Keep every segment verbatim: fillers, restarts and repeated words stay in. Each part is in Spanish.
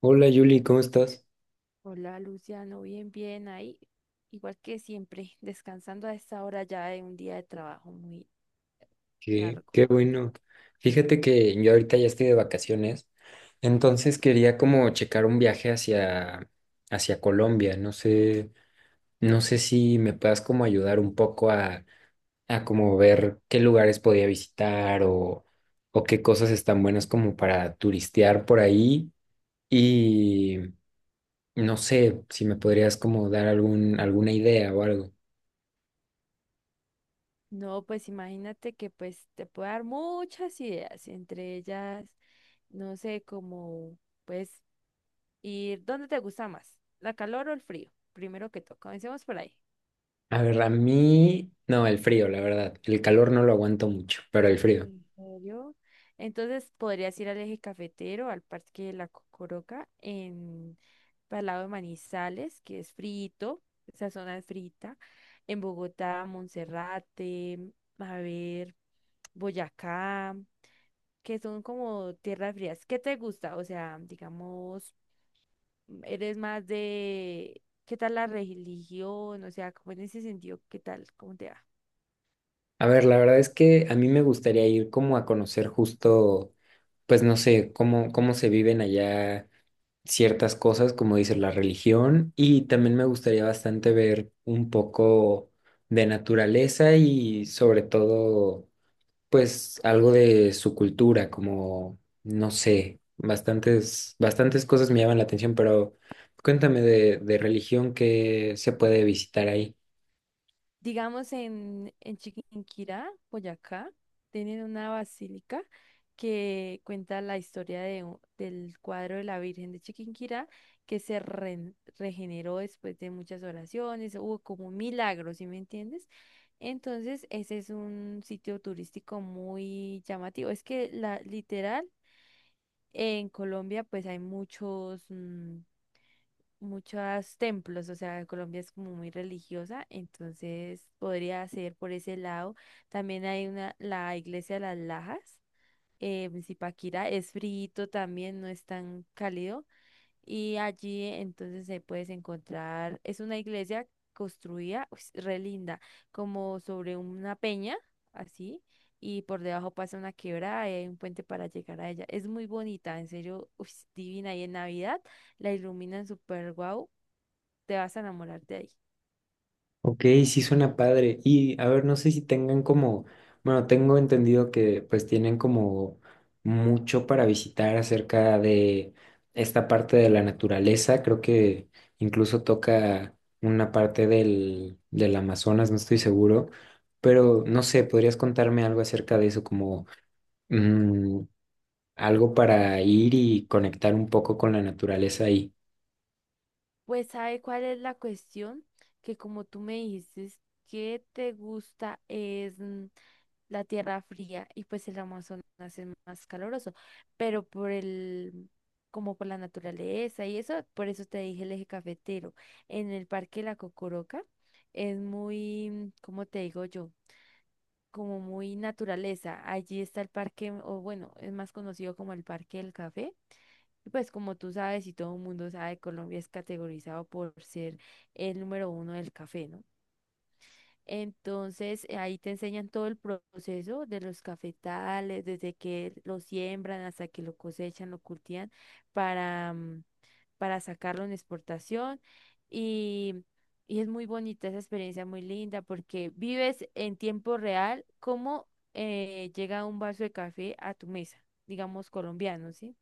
Hola Yuli, ¿cómo estás? Hola Luciano, bien, bien ahí. Igual que siempre, descansando a esta hora ya de un día de trabajo muy Qué, largo. qué bueno. Fíjate que yo ahorita ya estoy de vacaciones, entonces quería como checar un viaje hacia, hacia Colombia. No sé, no sé si me puedas como ayudar un poco a, a como ver qué lugares podía visitar o, o qué cosas están buenas como para turistear por ahí. Y no sé si me podrías como dar algún, alguna idea o algo. No, pues imagínate que pues te puedo dar muchas ideas, entre ellas, no sé, como pues ir, ¿dónde te gusta más? ¿La calor o el frío? Primero que todo, comencemos por ahí. A ver, a mí, no, el frío, la verdad. El calor no lo aguanto mucho, pero el frío. ¿En serio? Entonces podrías ir al eje cafetero, al Parque de la Cocoroca, en al lado de Manizales, que es frito, esa zona es frita, en Bogotá, Monserrate, a ver, Boyacá, que son como tierras frías. ¿Qué te gusta? O sea, digamos, eres más de, ¿qué tal la religión? O sea, como en ese sentido, ¿qué tal? ¿Cómo te va? A ver, la verdad es que a mí me gustaría ir como a conocer justo, pues no sé, cómo, cómo se viven allá ciertas cosas, como dice la religión, y también me gustaría bastante ver un poco de naturaleza y sobre todo pues algo de su cultura, como, no sé, bastantes, bastantes cosas me llaman la atención, pero cuéntame de, de religión que se puede visitar ahí. Digamos en, en Chiquinquirá, Boyacá, tienen una basílica que cuenta la historia de u- del cuadro de la Virgen de Chiquinquirá que se ren- regeneró después de muchas oraciones, hubo como milagros, ¿sí me entiendes? Entonces, ese es un sitio turístico muy llamativo. Es que la literal en Colombia pues hay muchos mm, muchos templos, o sea, Colombia es como muy religiosa, entonces podría ser por ese lado. También hay una, la iglesia de las Lajas, eh, en Zipaquirá, es frío también, no es tan cálido, y allí entonces se puedes encontrar, es una iglesia construida, uy, re linda, como sobre una peña, así. Y por debajo pasa una quebrada y hay un puente para llegar a ella. Es muy bonita, en serio, uy, divina. Y en Navidad la iluminan súper guau te vas a enamorar de ahí. Ok, sí suena padre. Y a ver, no sé si tengan como, bueno, tengo entendido que pues tienen como mucho para visitar acerca de esta parte de la naturaleza. Creo que incluso toca una parte del, del Amazonas, no estoy seguro. Pero no sé, ¿podrías contarme algo acerca de eso, como mm, algo para ir y conectar un poco con la naturaleza ahí? Pues, ¿sabe cuál es la cuestión? Que como tú me dijiste que te gusta es mm, la tierra fría y pues el Amazonas es más caluroso, pero por el, como por la naturaleza y eso, por eso te dije el eje cafetero. En el Parque La Cocoroca es muy, mm, ¿cómo te digo yo? Como muy naturaleza. Allí está el parque, o bueno, es más conocido como el Parque del Café. Y pues como tú sabes y todo el mundo sabe, Colombia es categorizado por ser el número uno del café, ¿no? Entonces eh, ahí te enseñan todo el proceso de los cafetales, desde que lo siembran hasta que lo cosechan, lo cultivan para, mm, para sacarlo en exportación. Y, y es muy bonita esa experiencia, muy linda, porque vives en tiempo real cómo eh, llega un vaso de café a tu mesa, digamos colombiano, ¿sí?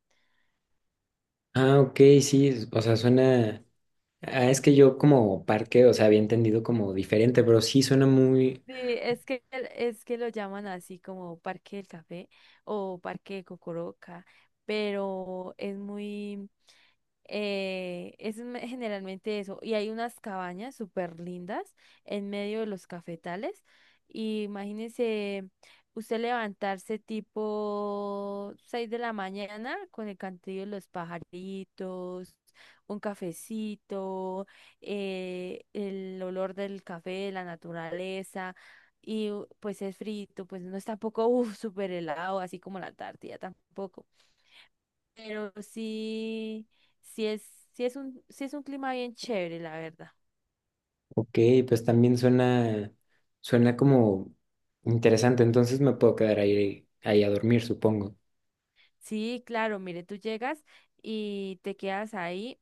Ah, ok, sí, o sea, suena. Ah, es que yo como parque, o sea, había entendido como diferente, pero sí suena muy. Sí, es que, es que lo llaman así como Parque del Café o Parque de Cocoroca, pero es muy, eh, es me- generalmente eso. Y hay unas cabañas súper lindas en medio de los cafetales. Y imagínese usted levantarse tipo seis de la mañana con el cantillo de los pajaritos, un cafecito, eh, el olor del café, la naturaleza. Y u- pues es frito, pues no es tampoco uf, súper helado, así como la Antártida tampoco. Pero sí, sí es, sí es un, sí es un clima bien chévere, la verdad. Ok, pues también suena, suena como interesante, entonces me puedo quedar ahí, ahí a dormir, supongo. Sí, claro, mire, tú llegas y te quedas ahí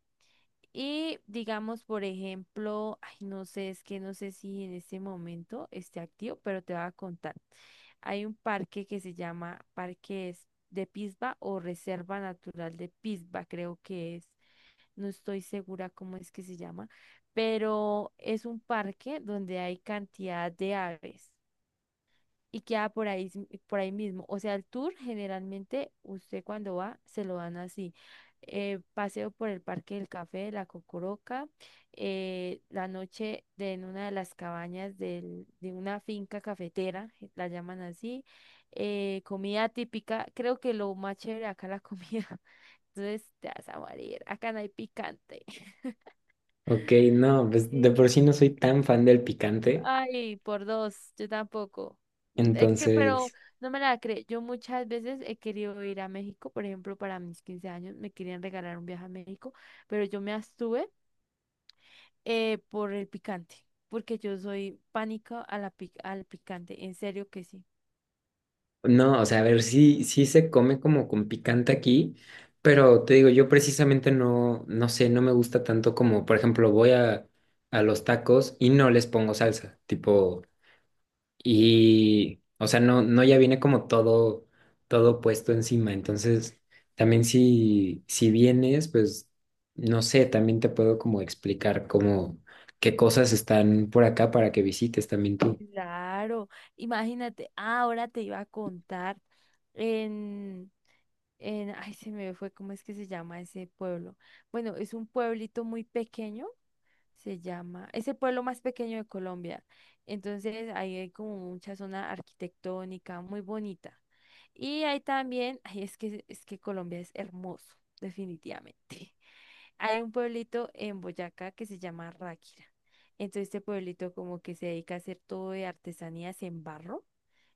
y digamos, por ejemplo, ay, no sé, es que no sé si en este momento esté activo, pero te voy a contar. Hay un parque que se llama Parque es- de Pisba o Reserva Natural de Pisba, creo que es. No estoy segura cómo es que se llama, pero es un parque donde hay cantidad de aves. Y queda por ahí, s- por ahí mismo. O sea, el tour generalmente usted cuando va se lo dan así. eh, paseo por el Parque del Café, la Cocoroca, eh, la noche de, en una de las cabañas del- de una finca cafetera, je- la llaman así, eh, comida típica, creo que lo más chévere acá la comida, entonces te vas a morir, acá no hay picante. Ok, no, pues de por sí no soy tan fan del picante, Ay, por dos, yo tampoco. N- es que- pero entonces, no me la creo. Yo muchas veces he querido ir a México, por ejemplo, para mis quince años me querían regalar un viaje a México, pero yo me abstuve eh, por el picante, porque yo soy pánico a la pic- al picante, en serio que sí. no, o sea, a ver, sí, sí se come como con picante aquí, pero te digo, yo precisamente no, no sé, no me gusta tanto como, por ejemplo, voy a, a los tacos y no les pongo salsa, tipo. Y, o sea, no, no ya viene como todo, todo puesto encima. Entonces, también si, si vienes, pues, no sé, también te puedo como explicar como qué cosas están por acá para que visites también tú. Claro, imagínate, ah, ahora te iba a contar en, en, ay, se me fue, ¿cómo es que se llama ese pueblo? Bueno, es un pueblito muy pequeño se llama, es el pueblo más pequeño de Colombia. Entonces ahí hay como mucha zona arquitectónica muy bonita. Y hay también, ay, es que, es que Colombia es hermoso, definitivamente. Hay un pueblito en Boyacá que se llama Ráquira. Entonces este pueblito como que se dedica a hacer todo de artesanías en barro.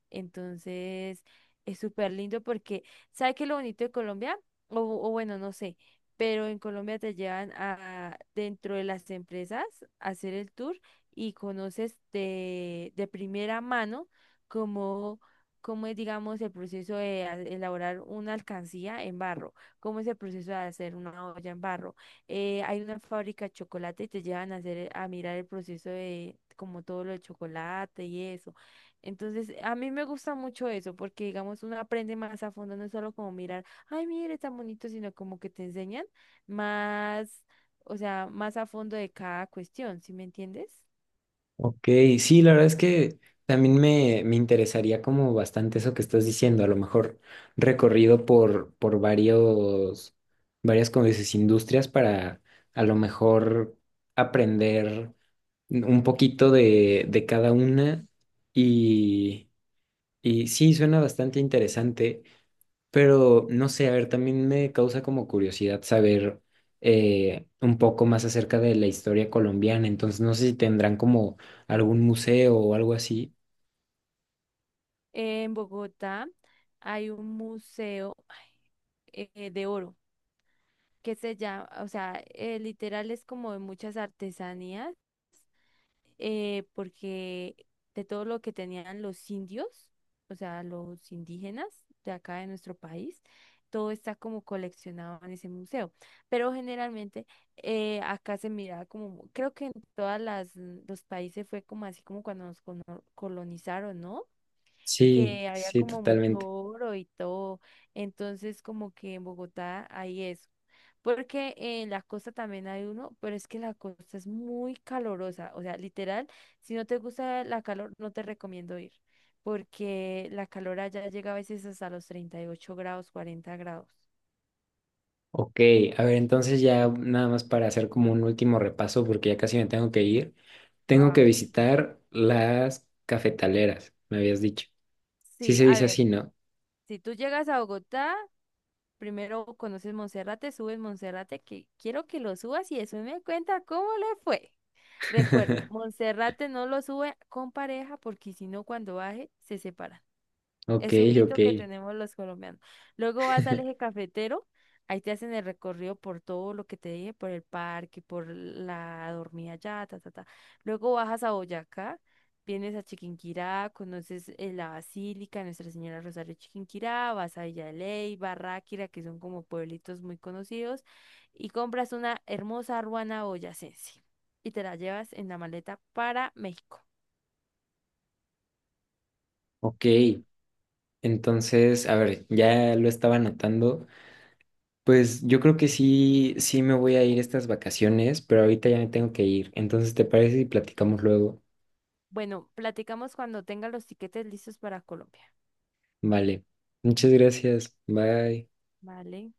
Entonces, es súper lindo porque, ¿sabe qué es lo bonito de Colombia? O, o bueno, no sé, pero en Colombia te llevan a dentro de las empresas a hacer el tour y conoces de, de primera mano cómo, cómo es, digamos, el proceso de a- elaborar una alcancía en barro, cómo es el proceso de hacer una olla en barro. Eh, hay una fábrica de chocolate y te llevan a hacer, a mirar el proceso de como todo lo de chocolate y eso. Entonces, a mí me gusta mucho eso, porque digamos, uno aprende más a fondo, no es solo como mirar, ay, mire, tan bonito, sino como que te enseñan más, o sea, más a fondo de cada cuestión, ¿sí me entiendes? Ok, sí, la verdad es que también me, me interesaría como bastante eso que estás diciendo, a lo mejor recorrido por, por varios, varias, como dices, industrias para a lo mejor aprender un poquito de, de cada una y, y sí, suena bastante interesante, pero no sé, a ver, también me causa como curiosidad saber eh, un poco más acerca de la historia colombiana, entonces no sé si tendrán como algún museo o algo así. En Bogotá hay un museo eh, de oro que se llama, o sea, eh, literal es como de muchas artesanías eh, porque de todo lo que tenían los indios, o sea, los indígenas de acá de nuestro país, todo está como coleccionado en ese museo. Pero generalmente eh, acá se miraba como, creo que en todas las los países fue como así como cuando nos cono- colonizaron, ¿no? Sí, Que había sí, como mucho totalmente. oro y todo. Entonces, como que en Bogotá hay eso. Porque en la costa también hay uno, pero es que la costa es muy calurosa. O sea, literal, si no te gusta la calor, no te recomiendo ir. Porque la calor allá llega a veces hasta los treinta y ocho grados, cuarenta grados. Ok, a ver, entonces ya nada más para hacer como un último repaso, porque ya casi me tengo que ir, tengo que Ay, visitar las cafetaleras, me habías dicho. Sí sí, se a dice ver, así, ¿no? si tú llegas a Bogotá, primero conoces Monserrate, subes Monserrate, que quiero que lo subas y después me cuenta cómo le fue. Recuerdo, Monserrate no lo sube con pareja porque si no, cuando baje, se separa. Ok, Es un ok, mito que tenemos los colombianos. Luego vas al eje cafetero, ahí te hacen el recorrido por todo lo que te dije, por el parque, por la dormida allá, ta, ta, ta. Luego bajas a Boyacá, vienes a Chiquinquirá, conoces eh, la Basílica, Nuestra Señora Rosario de Chiquinquirá, vas a Villa de Ley, Barráquira, que son como pueblitos muy conocidos, y compras una hermosa ruana boyacense y te la llevas en la maleta para México. ok. Entonces, a ver, ya lo estaba anotando. Pues yo creo que sí, sí me voy a ir estas vacaciones, pero ahorita ya me tengo que ir. Entonces, ¿te parece si platicamos luego? Bueno, platicamos cuando tenga los tiquetes listos para Colombia. Vale. Muchas gracias. Bye. Vale.